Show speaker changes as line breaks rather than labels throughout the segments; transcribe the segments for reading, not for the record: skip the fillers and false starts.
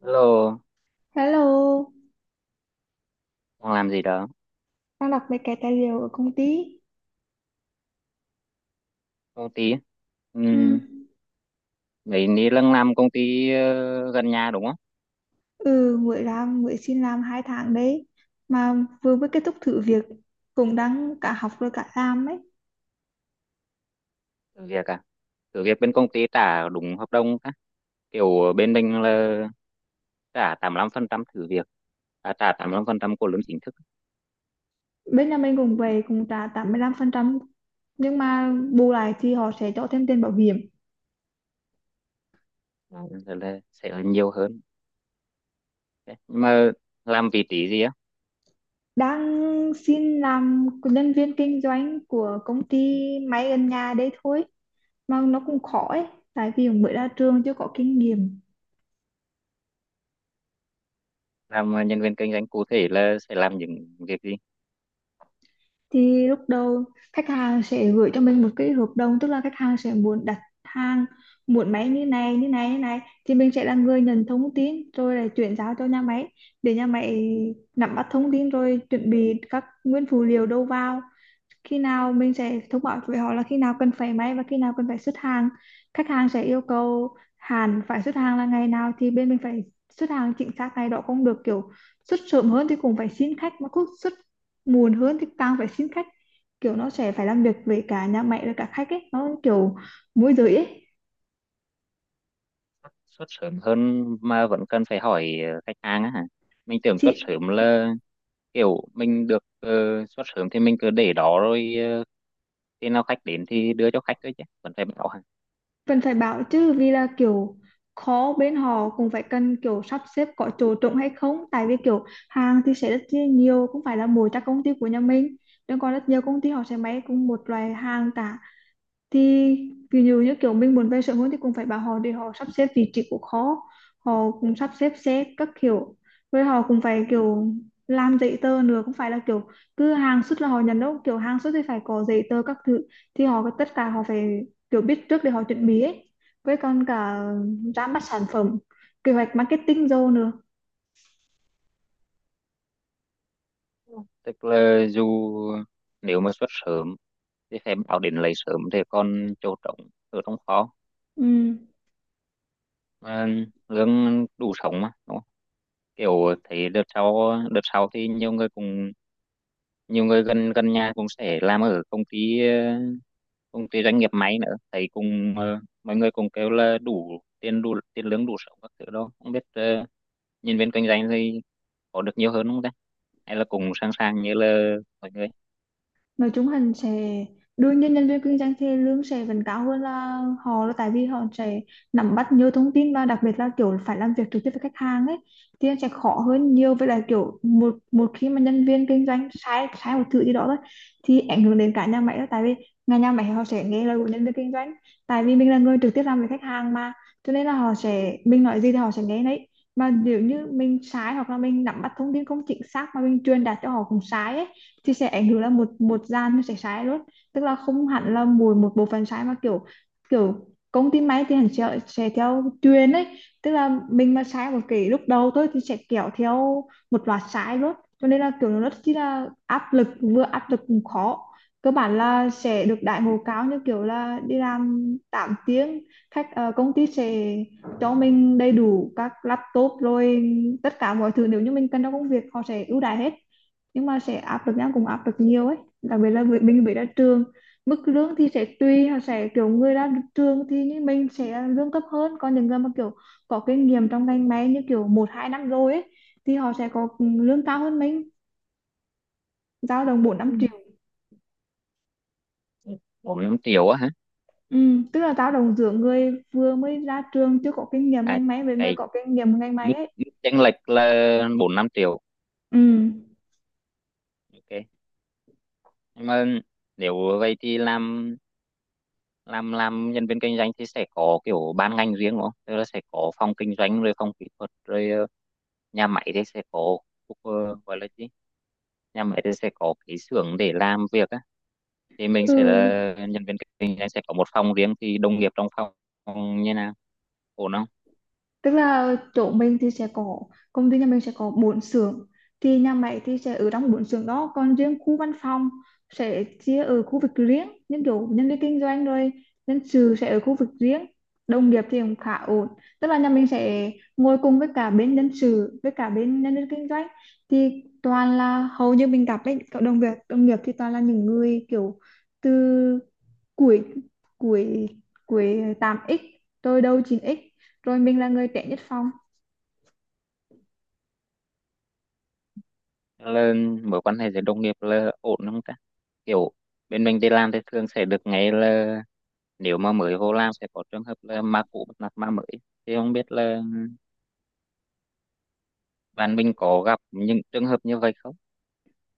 Hello,
Hello,
đang làm gì đó?
đang đọc mấy cái tài liệu ở công ty.
Công ty? Ừ,
Ừ.
mấy ní lăng làm công ty, gần nhà đúng không?
Ừ, mới làm, mới xin làm 2 tháng đấy. Mà vừa mới kết thúc thử việc, cũng đang cả học rồi cả làm ấy.
Thử việc à? Thử việc bên công ty trả đúng hợp đồng á. Kiểu bên mình là trả 85% thử việc, à, trả 85% của lương chính thức.
Bên nhà mình cũng về, cũng trả 85%, nhưng mà bù lại thì họ sẽ cho thêm tiền bảo hiểm.
Đó, rồi là sẽ là nhiều hơn. Thế, nhưng mà làm vị trí gì á?
Đang xin làm nhân viên kinh doanh của công ty máy gần nhà đấy thôi. Mà nó cũng khó ấy, tại vì mới ra trường chưa có kinh nghiệm.
Làm nhân viên kinh doanh cụ thể là sẽ làm những việc gì?
Thì lúc đầu khách hàng sẽ gửi cho mình một cái hợp đồng, tức là khách hàng sẽ muốn đặt hàng, muốn máy như này như này như này, thì mình sẽ là người nhận thông tin rồi là chuyển giao cho nhà máy để nhà máy nắm bắt thông tin rồi chuẩn bị các nguyên phụ liệu đầu vào. Khi nào mình sẽ thông báo với họ là khi nào cần phải máy và khi nào cần phải xuất hàng. Khách hàng sẽ yêu cầu hàng phải xuất hàng là ngày nào thì bên mình phải xuất hàng chính xác ngày đó cũng được, kiểu xuất sớm hơn thì cũng phải xin khách, mà cứ xuất muộn hơn thì càng phải xin khách. Kiểu nó sẽ phải làm việc với cả nhà máy và cả khách ấy, nó kiểu môi giới ấy.
Xuất sớm hơn mà vẫn cần phải hỏi khách hàng á hả? Mình tưởng xuất
Thì
sớm là kiểu mình được, xuất sớm thì mình cứ để đó rồi, khi nào khách đến thì đưa cho khách thôi, chứ vẫn phải bảo hả?
vẫn phải bảo chứ, vì là kiểu khó, bên họ cũng phải cần kiểu sắp xếp có chỗ trống hay không, tại vì kiểu hàng thì sẽ rất chi nhiều, không phải là mỗi các công ty của nhà mình nhưng còn rất nhiều công ty họ sẽ may cùng một loại hàng cả. Thì ví dụ như kiểu mình muốn về sớm hơn thì cũng phải bảo họ để họ sắp xếp vị trí của khó, họ cũng sắp xếp xe các kiểu, với họ cũng phải kiểu làm giấy tờ nữa, cũng phải là kiểu cứ hàng xuất là họ nhận đâu, kiểu hàng xuất thì phải có giấy tờ các thứ, thì họ tất cả họ phải kiểu biết trước để họ chuẩn bị ấy. Với còn cả ra mắt sản phẩm, kế hoạch marketing rồi nữa.
Tức là dù nếu mà xuất sớm thì phải bảo đến lấy sớm thì còn chỗ trống ở trong kho.
Ừ.
Mà lương đủ sống mà, đúng không? Kiểu thấy đợt sau thì nhiều người cùng, nhiều người gần gần nhà cũng sẽ làm ở công ty, cùng cái doanh nghiệp máy nữa, thấy cùng, mọi người cùng kêu là đủ tiền lương đủ sống các thứ đó, không biết, nhân viên kinh doanh thì có được nhiều hơn không ta, hay là cùng sẵn sàng như là mọi người?
Nói chung hắn sẽ, đương nhiên nhân viên kinh doanh thì lương sẽ vẫn cao hơn là họ, là tại vì họ sẽ nắm bắt nhiều thông tin và đặc biệt là kiểu phải làm việc trực tiếp với khách hàng ấy, thì nó sẽ khó hơn nhiều. Với lại kiểu một một khi mà nhân viên kinh doanh sai sai một thứ gì đó thôi thì ảnh hưởng đến cả nhà máy đó, tại vì nhà nhà máy họ sẽ nghe lời của nhân viên kinh doanh, tại vì mình là người trực tiếp làm với khách hàng mà, cho nên là họ sẽ, mình nói gì thì họ sẽ nghe đấy. Mà nếu như mình sai hoặc là mình nắm bắt thông tin không chính xác mà mình truyền đạt cho họ cũng sai ấy, thì sẽ ảnh hưởng là một một gian nó sẽ sai luôn, tức là không hẳn là mùi một bộ phận sai mà kiểu, kiểu công ty máy thì hẳn sẽ theo truyền ấy, tức là mình mà sai một cái lúc đầu thôi thì sẽ kéo theo một loạt sai luôn. Cho nên là kiểu nó rất chi là áp lực, vừa áp lực cũng khó. Cơ bản là sẽ được đãi ngộ cao, như kiểu là đi làm 8 tiếng, khách công ty sẽ cho mình đầy đủ các laptop rồi tất cả mọi thứ nếu như mình cần trong công việc, họ sẽ ưu đãi hết. Nhưng mà sẽ áp lực, nhau cũng áp lực nhiều ấy, đặc biệt là mình mới ra trường. Mức lương thì sẽ tùy, họ sẽ kiểu người ra trường thì như mình sẽ lương thấp hơn, còn những người mà kiểu có kinh nghiệm trong ngành máy, như kiểu một hai năm rồi ấy, thì họ sẽ có lương cao hơn mình, dao động bốn năm
Ừ.
triệu
4-5 triệu á hả?
Ừ, tức là dao động giữa người vừa mới ra trường chưa có kinh nghiệm
À,
ngành máy với người
cái
có kinh nghiệm ngành máy
mức
ấy.
mức chênh lệch là 4-5 triệu?
Ừ.
OK, nhưng mà nếu vậy thì làm, làm nhân viên kinh doanh thì sẽ có kiểu ban ngành riêng đúng không, tức là sẽ có phòng kinh doanh rồi phòng kỹ thuật rồi, nhà máy thì sẽ có, ờ, gọi là gì, nhà máy thì sẽ có cái xưởng để làm việc á, thì mình sẽ
Ừ,
là nhân viên kinh doanh sẽ có một phòng riêng, thì đồng nghiệp trong phòng như nào, ổn không?
tức là chỗ mình thì sẽ có, công ty nhà mình sẽ có 4 xưởng, thì nhà máy thì sẽ ở trong 4 xưởng đó, còn riêng khu văn phòng sẽ chia ở khu vực riêng, những kiểu nhân viên kinh doanh rồi nhân sự sẽ ở khu vực riêng. Đồng nghiệp thì cũng khá ổn, tức là nhà mình sẽ ngồi cùng với cả bên nhân sự với cả bên nhân viên kinh doanh, thì toàn là hầu như mình gặp ấy, cộng đồng việc đồng nghiệp thì toàn là những người kiểu từ Cuối cuối cuối 8x, tôi đâu 9x, rồi mình là người trẻ nhất phòng.
Là mối quan hệ giữa đồng nghiệp là ổn không ta? Kiểu bên mình đi làm thì thường sẽ được nghe là nếu mà mới vô làm sẽ có trường hợp là ma cũ bắt nạt ma mới, thì không biết là bạn mình có gặp những trường hợp như vậy không.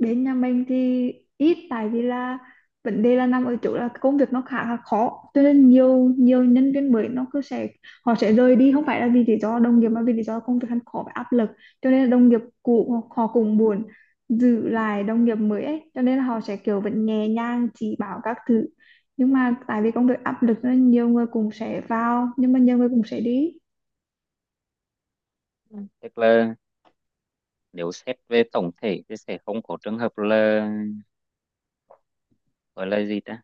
Đến nhà mình thì ít, tại vì là vấn đề là nằm ở chỗ là công việc nó khá là khó, cho nên nhiều nhiều nhân viên mới nó cứ sẽ, họ sẽ rời đi không phải là vì lý do đồng nghiệp mà vì lý do công việc hắn khó và áp lực, cho nên là đồng nghiệp cũ họ cũng buồn, giữ lại đồng nghiệp mới ấy, cho nên là họ sẽ kiểu vẫn nhẹ nhàng chỉ bảo các thứ. Nhưng mà tại vì công việc áp lực cho nên nhiều người cũng sẽ vào nhưng mà nhiều người cũng sẽ đi.
Tức là nếu xét về tổng thể thì sẽ không có trường hợp là, gọi là gì ta,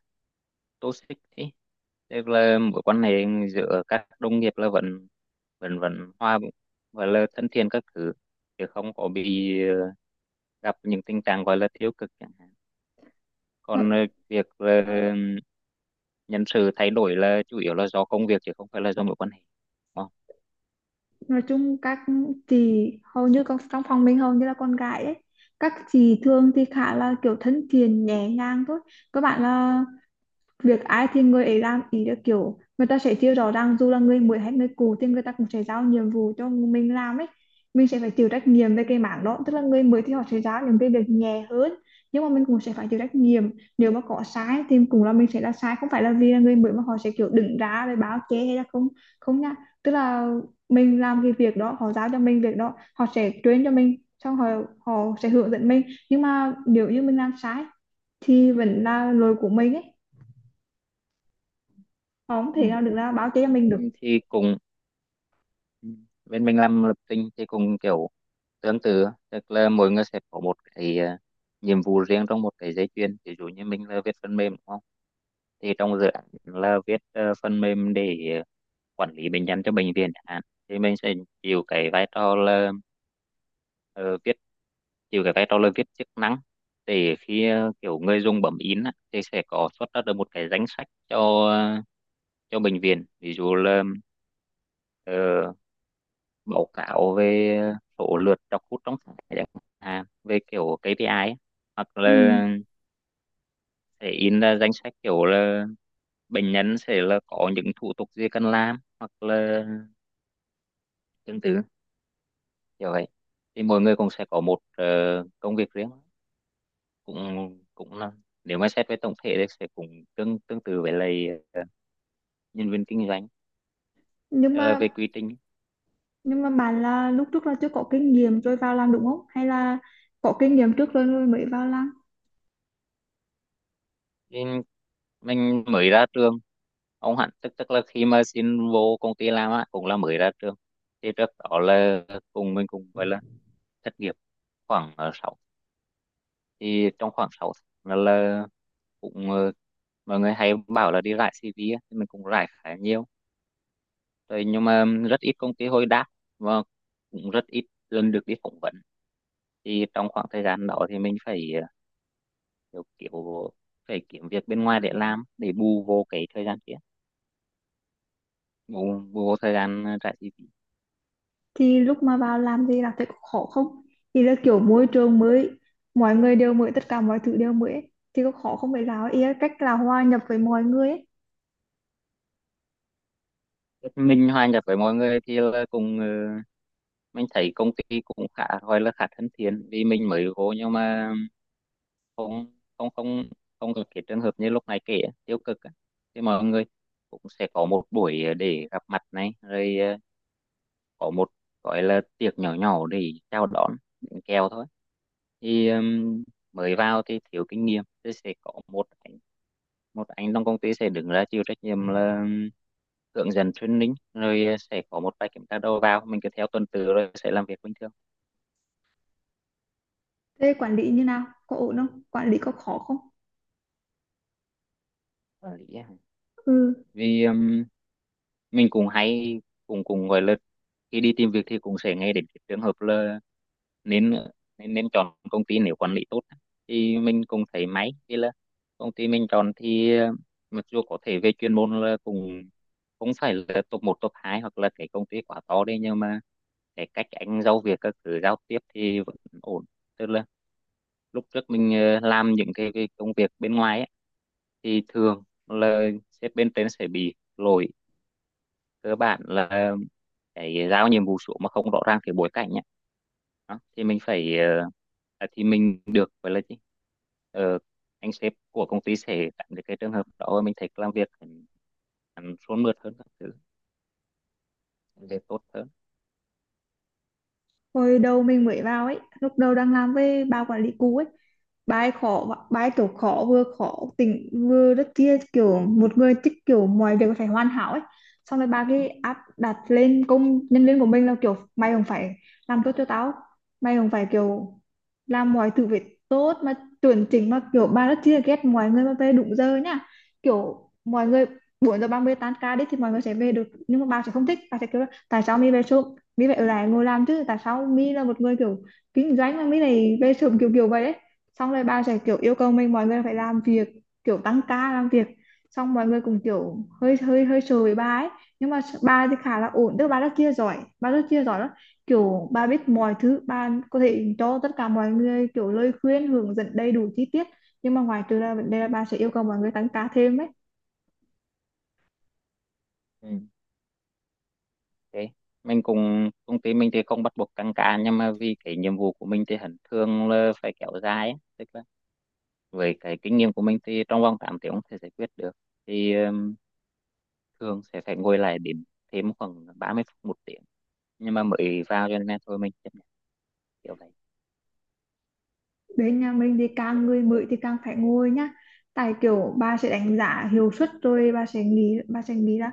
toxic ấy, tức là mối quan hệ giữa các đồng nghiệp là vẫn, vẫn hòa và là thân thiện các thứ, chứ không có bị, gặp những tình trạng gọi là tiêu cực chẳng hạn. Còn
Nó
việc, nhân sự thay đổi là chủ yếu là do công việc chứ không phải là do mối quan hệ. Ờ.
nói chung các chị hầu như con trong phòng mình hầu như là con gái ấy, các chị thường thì khá là kiểu thân thiện nhẹ nhàng thôi. Các bạn là việc ai thì người ấy làm, ý là kiểu người ta sẽ chia rõ ràng, dù là người mới hay người cũ thì người ta cũng sẽ giao nhiệm vụ cho mình làm ấy, mình sẽ phải chịu trách nhiệm về cái mảng đó. Tức là người mới thì họ sẽ giao những cái việc nhẹ hơn, nhưng mà mình cũng sẽ phải chịu trách nhiệm, nếu mà có sai thì cũng là mình sẽ là sai, không phải là vì là người mới mà họ sẽ kiểu đứng ra để báo chê hay là không, không nha. Tức là mình làm cái việc đó, họ giao cho mình việc đó, họ sẽ truyền cho mình, xong họ, họ sẽ hướng dẫn mình, nhưng mà nếu như mình làm sai thì vẫn là lỗi của mình ấy, không thể
Ừ.
nào được ra báo cho mình được.
Mình thì cùng, ừ, bên mình làm lập trình thì cùng kiểu tương tự, tức là mỗi người sẽ có một cái, nhiệm vụ riêng trong một cái dây chuyền. Ví dụ như mình là viết phần mềm đúng không, thì trong dự án là viết, phần mềm để, quản lý bệnh nhân cho bệnh viện chẳng hạn, thì mình sẽ chịu cái vai trò là, ờ, viết chịu cái vai trò là viết chức năng để khi, kiểu người dùng bấm in á, thì sẽ có xuất ra được một cái danh sách cho, cho bệnh viện, ví dụ là, ờ, báo cáo về số lượt đọc hút trong tháng chẳng hạn, về kiểu KPI á. Hoặc
Ừ.
là sẽ in ra danh sách kiểu là bệnh nhân sẽ là có những thủ tục gì cần làm, hoặc là tương tự kiểu vậy. Thì mỗi người cũng sẽ có một, công việc riêng, cũng cũng là, nếu mà xét về tổng thể thì sẽ cũng tương tương tự với lại, nhân viên kinh doanh.
nhưng
Tức
mà
về quy trình.
nhưng mà bạn là lúc trước là chưa có kinh nghiệm rồi vào làm đúng không, hay là có kinh nghiệm trước rồi rồi mới vào làm?
Nên mình mới ra trường, ông hẳn, tức tức là khi mà xin vô công ty làm á cũng là mới ra trường, thì trước đó là cùng mình cũng gọi là thất nghiệp khoảng sáu, thì trong khoảng 6 tháng là cũng, mọi người hay bảo là đi rải CV á, thì mình cũng rải khá nhiều rồi nhưng mà rất ít công ty hồi đáp, và cũng rất ít lần được đi phỏng vấn. Thì trong khoảng thời gian đó thì mình phải, kiểu phải kiếm việc bên ngoài để làm để bù vô cái thời gian kia, bù, bù vô thời gian, trả chi phí.
Thì lúc mà vào làm thì là thấy có khó không? Thì là kiểu môi trường mới, mọi người đều mới, tất cả mọi thứ đều mới ấy, thì có khó không? Phải là ý là cách là hòa nhập với mọi người ấy.
Mình hòa nhập với mọi người thì là cùng, mình thấy công ty cũng khá gọi là khá thân thiện vì mình mới vô, nhưng mà không không không không gặp cái trường hợp như lúc này kể á, tiêu cực á. Thì mọi người cũng sẽ có một buổi, để gặp mặt này rồi, có một gọi là tiệc nhỏ nhỏ để chào đón, bánh kẹo thôi. Thì mới vào thì thiếu kinh nghiệm thì sẽ có một anh, trong công ty sẽ đứng ra chịu trách nhiệm là, hướng dẫn training rồi, sẽ có một vài kiểm tra đầu vào, mình cứ theo tuần tự rồi sẽ làm việc bình thường.
Thế quản lý như nào, có ổn không, quản lý có khó không?
Ờ, lý á.
Ừ.
Vì mình cũng hay, cũng cũng gọi là, khi đi tìm việc thì cũng sẽ nghe đến cái trường hợp là nên, nên chọn công ty nếu quản lý tốt, thì mình cũng thấy máy, vì là công ty mình chọn thì, mặc dù có thể về chuyên môn là cũng không phải là top một top 2 hoặc là cái công ty quá to đấy, nhưng mà cái cách anh giao việc các thứ giao tiếp thì vẫn ổn. Tức là lúc trước mình, làm những cái công việc bên ngoài ấy, thì thường là sếp bên trên sẽ bị lỗi cơ bản là cái giao nhiệm vụ xuống mà không rõ ràng cái bối cảnh ấy, đó. Thì mình phải, thì mình được gọi là gì. Ờ, anh sếp của công ty sẽ tránh được cái trường hợp đó, mình thấy làm việc hẳn hẳn suôn mượt hơn các thứ, để tốt hơn.
Hồi đầu mình mới vào ấy, lúc đầu đang làm với bà quản lý cũ ấy, bài khó, bài kiểu khó, vừa khó tỉnh vừa rất kia, kiểu một người thích kiểu mọi việc phải hoàn hảo ấy. Xong rồi bà cái áp đặt lên công nhân viên của mình là kiểu mày không phải làm tốt cho tao, mày không phải kiểu làm mọi thứ phải tốt mà chuẩn chỉnh, mà kiểu bà rất chia ghét mọi người mà về đúng giờ nhá. Kiểu mọi người 4 giờ 30 tan ca đi thì mọi người sẽ về được, nhưng mà bà sẽ không thích, bà sẽ kiểu là, tại sao mi về sớm, mi phải ở lại ngồi làm chứ, tại sao mi là một người kiểu kinh doanh mà mi này về sớm, kiểu kiểu vậy đấy. Xong rồi bà sẽ kiểu yêu cầu mình, mọi người phải làm việc, kiểu tăng ca làm việc, xong mọi người cũng kiểu hơi hơi hơi sợ với bà ấy. Nhưng mà bà thì khá là ổn, tức là bà rất chia giỏi, bà rất chia giỏi lắm, kiểu bà biết mọi thứ, bà có thể cho tất cả mọi người kiểu lời khuyên hướng dẫn đầy đủ chi tiết, nhưng mà ngoài trừ ra vấn đề là bà sẽ yêu cầu mọi người tăng ca thêm ấy.
Ừ. Thế mình cùng, công ty mình thì không bắt buộc tăng ca nhưng mà vì cái nhiệm vụ của mình thì hẳn thường là phải kéo dài ấy, tức là với cái kinh nghiệm của mình thì trong vòng 8 tiếng không thể giải quyết được, thì thường sẽ phải ngồi lại điểm thêm khoảng 30 phút một tiếng, nhưng mà mới vào cho nên thôi mình chấp nhận kiểu vậy.
Bên nhà mình thì càng người mới thì càng phải ngồi nhá, tại kiểu bà sẽ đánh giá hiệu suất, rồi bà sẽ nghĩ, là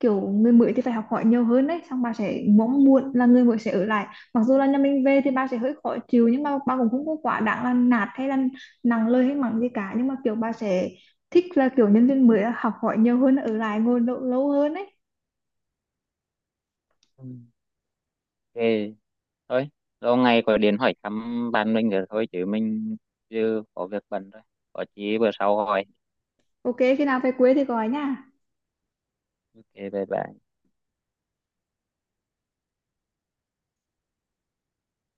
kiểu người mới thì phải học hỏi nhiều hơn đấy, xong bà sẽ mong muốn là người mới sẽ ở lại. Mặc dù là nhà mình về thì bà sẽ hơi khó chịu, nhưng mà bà cũng không có quá đáng là nạt hay là nặng lời hay mắng gì cả, nhưng mà kiểu bà sẽ thích là kiểu nhân viên mới là học hỏi nhiều hơn, ở lại ngồi lâu hơn đấy.
Ừ. OK, thôi, lâu ngày có điện hỏi thăm bạn mình rồi thôi, chứ mình chưa có việc bận thôi, có chí bữa sau hỏi.
Ok, khi nào về quê thì gọi nha.
OK, bye bye.